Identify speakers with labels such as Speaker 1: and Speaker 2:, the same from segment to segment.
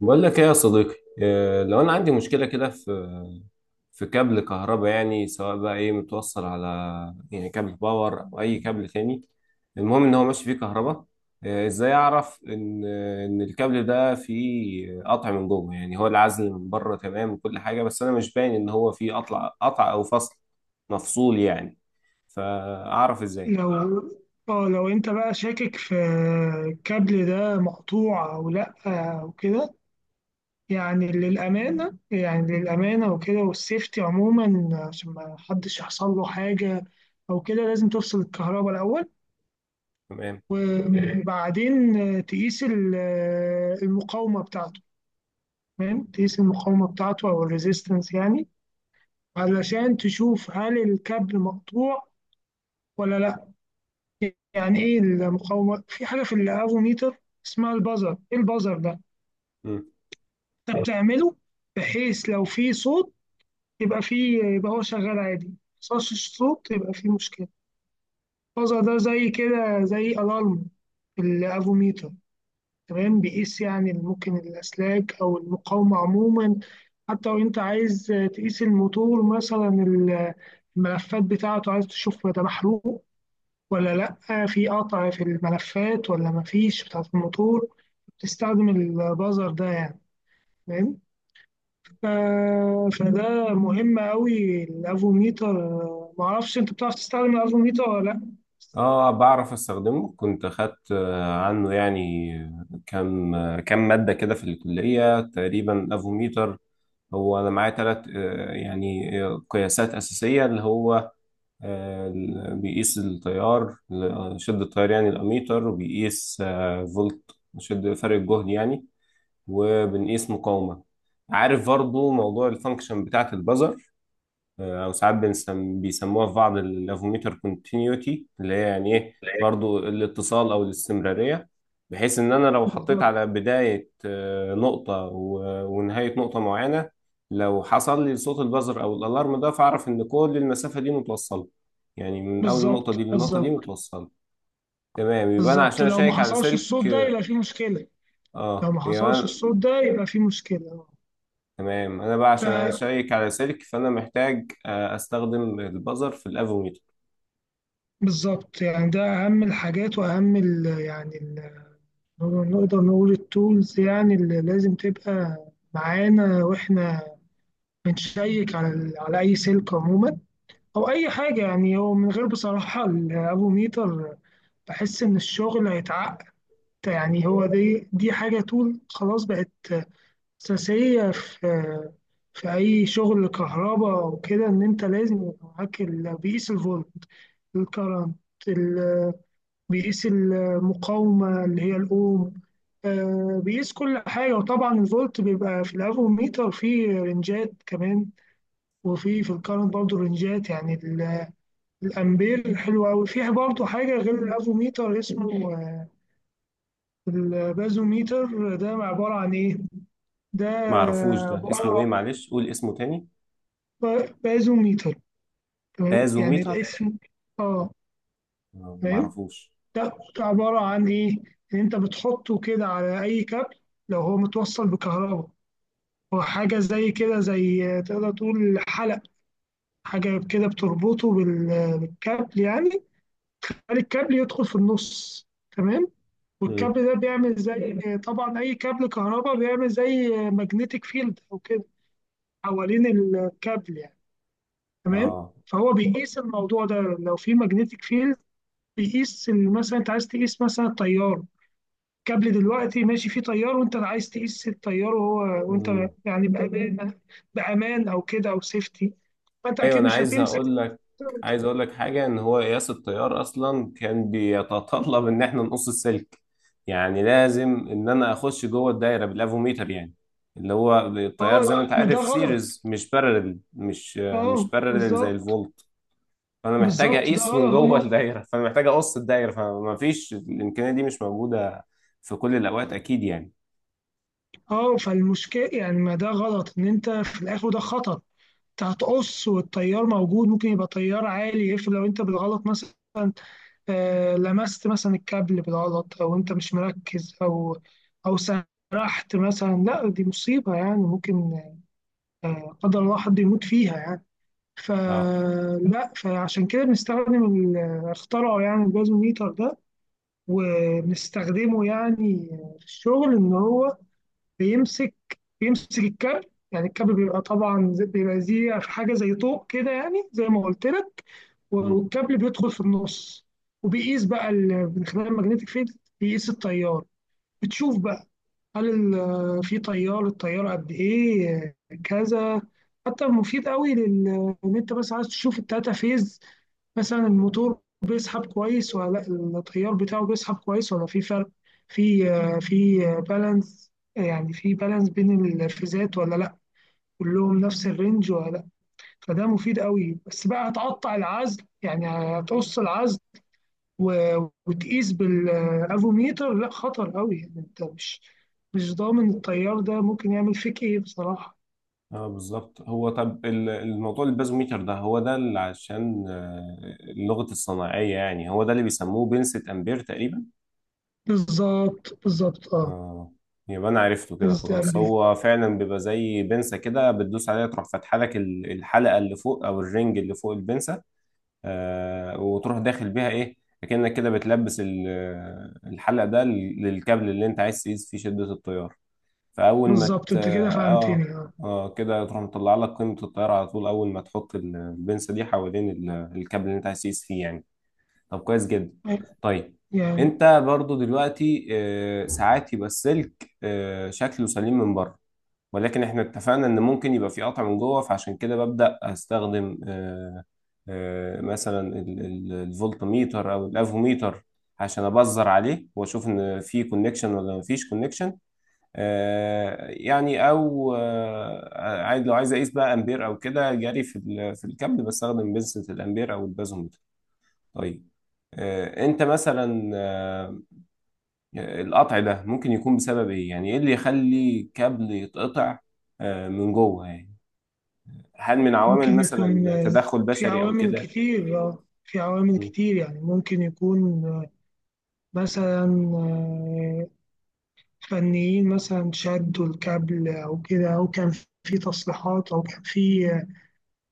Speaker 1: بقول لك ايه يا صديقي لو انا عندي مشكله كده في كابل كهرباء، يعني سواء بقى ايه متوصل على يعني كابل باور او اي كابل تاني. المهم ان هو ماشي فيه كهرباء. ازاي اعرف ان الكابل ده فيه قطع من جوه؟ يعني هو العزل من بره تمام وكل حاجه، بس انا مش باين ان هو فيه قطع او فصل مفصول يعني. فاعرف ازاي؟
Speaker 2: لو اه لو انت بقى شاكك في الكابل ده مقطوع او لا او كده. يعني للامانه، وكده والسيفتي عموما عشان ما حدش يحصل له حاجه او كده، لازم تفصل الكهرباء الاول
Speaker 1: تمام،
Speaker 2: وبعدين تقيس المقاومه بتاعته. تمام، تقيس المقاومه بتاعته او الريزيستنس يعني، علشان تشوف هل الكابل مقطوع ولا لا. يعني ايه المقاومه؟ في حاجه في الافوميتر اسمها البازر. ايه البازر ده؟ انت بتعمله بحيث لو في صوت يبقى في يبقى هو شغال عادي، ما حصلش صوت يبقى في مشكله. البازر ده زي كده زي الارم في الافوميتر. تمام، بيقيس يعني ممكن الاسلاك او المقاومه عموما. حتى لو انت عايز تقيس الموتور مثلا، الملفات بتاعته، عايز تشوف ده محروق ولا لأ، في قطع في الملفات ولا مفيش بتاعة الموتور، بتستخدم البازر ده يعني. فاهم؟ ف- فده مهم أوي الأفوميتر. معرفش أنت بتعرف تستخدم الأفوميتر ولا لأ.
Speaker 1: اه بعرف استخدمه، كنت اخدت عنه يعني كم كم مادة كده في الكلية تقريبا افوميتر. هو انا معايا ثلاث يعني قياسات اساسية، اللي هو بيقيس التيار، شدة التيار يعني الاميتر، وبيقيس فولت، شد فرق الجهد يعني، وبنقيس مقاومة. عارف برضو موضوع الفانكشن بتاعة البزر، او ساعات بنسم بيسموها في بعض الافوميتر كونتينيوتي، اللي هي يعني ايه برضو الاتصال او الاستمراريه. بحيث ان انا لو حطيت
Speaker 2: بالظبط،
Speaker 1: على بدايه نقطه ونهايه نقطه معينه، لو حصل لي صوت البزر او الالارم ده، فاعرف ان كل المسافه دي متوصله، يعني من اول النقطه
Speaker 2: بالظبط.
Speaker 1: دي للنقطه دي
Speaker 2: بالظبط.
Speaker 1: متوصله. تمام، يبقى انا
Speaker 2: بالظبط،
Speaker 1: عشان
Speaker 2: لو ما
Speaker 1: اشيك على
Speaker 2: حصلش
Speaker 1: سلك،
Speaker 2: الصوت ده يبقى في مشكلة. لو
Speaker 1: اه
Speaker 2: ما
Speaker 1: يبقى
Speaker 2: حصلش الصوت ده يبقى في مشكلة.
Speaker 1: تمام، انا بقى عشان
Speaker 2: ف-
Speaker 1: اشيك على سلك فانا محتاج استخدم البزر في الافوميتر.
Speaker 2: بالظبط، يعني ده أهم الحاجات وأهم ال نقدر نقول التولز يعني، اللي لازم تبقى معانا واحنا بنشيك على على اي سلك عموما او اي حاجه. يعني هو من غير بصراحه الافوميتر بحس ان الشغل هيتعقد. يعني هو دي حاجه طول خلاص بقت اساسيه في اي شغل كهرباء وكده، ان انت لازم يبقى معاك بيقيس الفولت، الكرنت، ال- بيقيس المقاومه اللي هي الاوم. بيقيس كل حاجه. وطبعا الفولت بيبقى في الافوميتر فيه رنجات كمان، وفي الكارنت برضه رنجات يعني الامبير. حلو قوي. في برضه حاجه غير الافوميتر اسمه البازوميتر ده. عباره عن ايه ده؟
Speaker 1: ما اعرفوش ده
Speaker 2: عباره
Speaker 1: اسمه ايه،
Speaker 2: عن
Speaker 1: معلش قول اسمه تاني.
Speaker 2: بازوميتر. تمام يعني
Speaker 1: بازوميتر.
Speaker 2: الاسم. اه.
Speaker 1: ما
Speaker 2: تمام.
Speaker 1: اعرفوش.
Speaker 2: ده عباره عن ايه؟ ان انت بتحطه كده على اي كابل لو هو متوصل بكهرباء. هو حاجه زي كده، زي تقدر تقول حلق، حاجه كده بتربطه بالكابل يعني. الكابل يدخل في النص. تمام.
Speaker 1: مم.
Speaker 2: والكابل ده بيعمل زي، طبعا اي كابل كهرباء بيعمل زي ماجنتيك فيلد او كده حوالين الكابل يعني. تمام.
Speaker 1: اه.
Speaker 2: فهو بيقيس الموضوع ده، لو في ماجنتيك فيلد بيقيس مثلا انت عايز تقيس مثلا التيار. الكابل دلوقتي ماشي فيه تيار وانت عايز تقيس التيار، وهو
Speaker 1: مم.
Speaker 2: يعني بامان. بامان او كده او سيفتي. فانت
Speaker 1: ايوه
Speaker 2: اكيد
Speaker 1: انا
Speaker 2: مش
Speaker 1: عايز
Speaker 2: هتمسك.
Speaker 1: اقول لك، عايز اقول لك حاجه، ان هو قياس التيار اصلا كان بيتطلب ان احنا نقص السلك، يعني لازم ان انا اخش جوه الدايره بالافوميتر يعني، اللي هو التيار زي ما
Speaker 2: اه،
Speaker 1: انت
Speaker 2: ما ده
Speaker 1: عارف
Speaker 2: غلط.
Speaker 1: سيريز، مش بارلل
Speaker 2: اه،
Speaker 1: مش بارلل زي
Speaker 2: بالظبط.
Speaker 1: الفولت. فانا محتاج
Speaker 2: بالظبط، ده
Speaker 1: اقيس من
Speaker 2: غلط
Speaker 1: جوه
Speaker 2: هم.
Speaker 1: الدايره، فانا محتاج اقص الدايره، فما فيش، الامكانيه دي مش موجوده في كل الاوقات اكيد يعني.
Speaker 2: اه، فالمشكلة يعني ما ده غلط، ان انت في الاخر ده خطأ. انت هتقص والتيار موجود، ممكن يبقى تيار عالي. افرض لو انت بالغلط مثلا لمست مثلا الكابل بالغلط، او انت مش مركز او سرحت مثلا، لا دي مصيبة يعني. ممكن قدر الله حد يموت فيها يعني.
Speaker 1: اه.
Speaker 2: فلا، فعشان كده بنستخدم اخترعوا يعني الجاز ميتر ده، وبنستخدمه يعني في الشغل. ان هو بيمسك بيمسك الكابل يعني. الكابل بيبقى طبعا بيبقى زي حاجه زي طوق كده يعني، زي ما قلت لك.
Speaker 1: مم.
Speaker 2: والكابل بيدخل في النص. وبيقيس بقى من خلال الماجنتيك فيلد بيقيس التيار. بتشوف بقى هل في تيار، التيار قد ايه، كذا. حتى مفيد قوي لل ان انت بس عايز تشوف التاتا فيز مثلا، الموتور بيسحب كويس ولا لا، التيار بتاعه بيسحب كويس ولا في فرق. في بالانس يعني، في بالانس بين الفيزات ولا لا، كلهم نفس الرينج ولا لا. فده مفيد قوي، بس بقى هتقطع العزل يعني، هتقص العزل و- وتقيس بالافوميتر. لا، خطر قوي يعني. انت مش ضامن التيار ده ممكن يعمل فيك ايه بصراحة.
Speaker 1: اه بالظبط. هو طب الموضوع البازوميتر ده، هو ده اللي عشان اللغه الصناعيه، يعني هو ده اللي بيسموه بنسة امبير تقريبا.
Speaker 2: بالظبط، بالظبط. اه،
Speaker 1: اه، يبقى انا عرفته كده
Speaker 2: بالظبط.
Speaker 1: خلاص، هو فعلا بيبقى زي بنسة كده بتدوس عليها تروح فاتحه لك الحلقه اللي فوق او الرنج اللي فوق البنسة، وتروح داخل بيها ايه، كأنك كده بتلبس الحلق ده للكابل اللي انت عايز تقيس فيه شدة التيار. فاول ما
Speaker 2: بالظبط، انت كده فهمتني.
Speaker 1: اه،
Speaker 2: اه،
Speaker 1: اه كده تروح مطلع لك قيمة التيار على طول، اول ما تحط البنسة دي حوالين الكابل اللي انت عايز تقيس فيه يعني. طب كويس جدا. طيب،
Speaker 2: يعني
Speaker 1: انت برضو دلوقتي ساعات يبقى السلك شكله سليم من بره، ولكن احنا اتفقنا ان ممكن يبقى في قطع من جوه، فعشان كده ببدأ استخدم مثلا الفولتميتر او الافوميتر، عشان ابزر عليه واشوف ان في كونكشن ولا ما فيش كونكشن يعني، او عايز، لو عايز اقيس بقى امبير او كده جري في في الكابل، بستخدم بنسة الامبير او البازوميتر. طيب، انت مثلا القطع ده ممكن يكون بسبب ايه؟ يعني ايه اللي يخلي كابل يتقطع من جوه يعني؟ هل من عوامل
Speaker 2: ممكن يكون
Speaker 1: مثلا تدخل
Speaker 2: في
Speaker 1: بشري او
Speaker 2: عوامل
Speaker 1: كده؟
Speaker 2: كتير. في عوامل
Speaker 1: مم.
Speaker 2: كتير يعني. ممكن يكون مثلا آه، فنيين مثلا شدوا الكابل أو كده، أو كان في تصليحات، أو كان في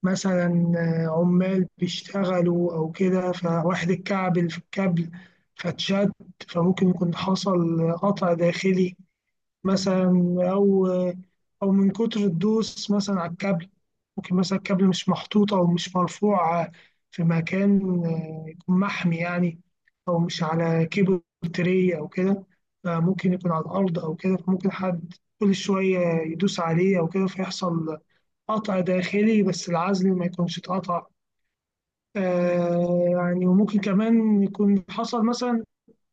Speaker 2: مثلا عمال بيشتغلوا أو كده فواحد اتكعبل في الكابل فاتشد، فممكن يكون حصل قطع داخلي مثلا. او من كتر الدوس مثلا على الكابل، ممكن مثلا الكابل مش محطوط او مش مرفوع في مكان يكون محمي يعني، او مش على كيبل تري او كده، ممكن يكون على الارض او كده، فممكن حد كل شويه يدوس عليه او كده فيحصل قطع داخلي بس العزل ما يكونش اتقطع. آه يعني. وممكن كمان يكون حصل مثلا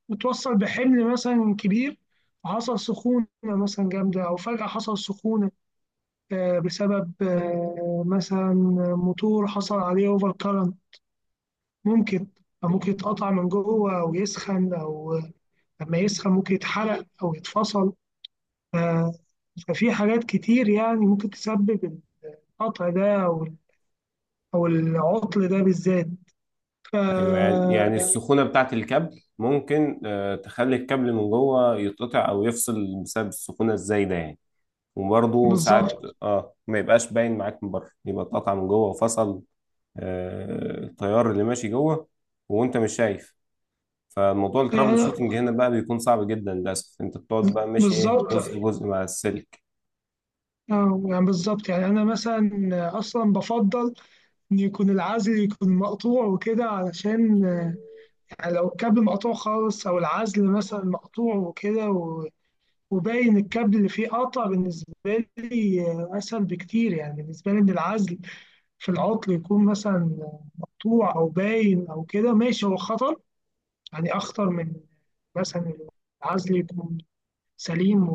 Speaker 2: وتوصل بحمل مثلا كبير، حصل سخونة مثلا جامدة أو فجأة حصل سخونة بسبب مثلا موتور حصل عليه أوفر كارنت. ممكن أو ممكن يتقطع من جوه أو يسخن أو لما يسخن ممكن يتحرق أو يتفصل. آه، ففي حاجات كتير يعني ممكن تسبب القطع ده أو العطل ده بالذات. ف-
Speaker 1: ايوه، يعني السخونه بتاعه الكابل ممكن تخلي الكابل من جوه يتقطع او يفصل بسبب السخونه الزايده يعني. وبرضه ساعات
Speaker 2: بالظبط
Speaker 1: اه ما يبقاش باين معاك من بره، يبقى اتقطع من جوه وفصل، التيار اللي ماشي جوه وانت مش شايف. فموضوع الترابل
Speaker 2: يعني.
Speaker 1: شوتنج هنا بقى بيكون صعب جدا للاسف، انت بتقعد بقى ماشي ايه
Speaker 2: بالظبط
Speaker 1: جزء جزء مع السلك.
Speaker 2: اه، يعني بالظبط يعني. انا مثلا اصلا بفضل ان يكون العزل يكون مقطوع وكده، علشان يعني لو الكابل مقطوع خالص او العزل مثلا مقطوع وكده و- وباين الكابل اللي فيه قطع، بالنسبه لي اسهل بكتير. يعني بالنسبه لي ان العزل في العطل يكون مثلا مقطوع او باين او كده ماشي. هو خطر يعني، اخطر من مثلا العزل يكون سليم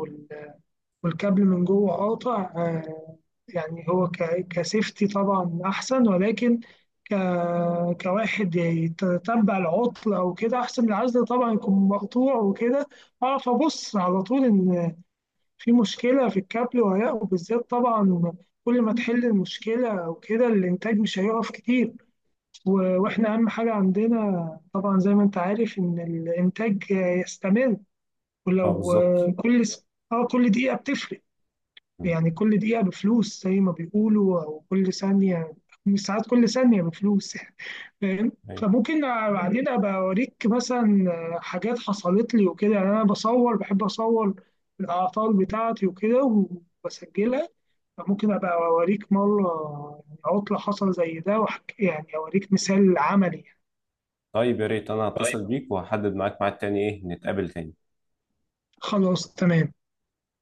Speaker 2: والكابل من جوه قاطع. يعني هو ك- كسيفتي طبعا أحسن، ولكن ك- كواحد يتتبع العطل أو كده أحسن من العزل طبعا يكون مقطوع وكده. أعرف أبص على طول إن في مشكلة في الكابل ولا لأ. وبالذات طبعا كل ما تحل المشكلة أو كده الإنتاج مش هيقف كتير. و- وإحنا أهم حاجة عندنا طبعا زي ما أنت عارف إن الإنتاج يستمر.
Speaker 1: اه
Speaker 2: ولو
Speaker 1: بالظبط.
Speaker 2: اه كل دقيقة بتفرق
Speaker 1: مم.
Speaker 2: يعني. كل دقيقة بفلوس زي ما بيقولوا، أو كل ثانية، مش ساعات كل ثانية بفلوس يعني. فاهم؟
Speaker 1: أيوة.
Speaker 2: فممكن بعدين أبقى أوريك مثلا حاجات حصلت لي وكده. يعني أنا بصور، بحب أصور الأعطال بتاعتي وكده وبسجلها، فممكن أبقى أوريك مرة يعني عطلة حصل زي ده وأحكي، يعني أوريك مثال عملي.
Speaker 1: طيب يا ريت انا هتصل بيك وهحدد معاك ميعاد تاني ايه نتقابل تاني.
Speaker 2: خلاص تمام.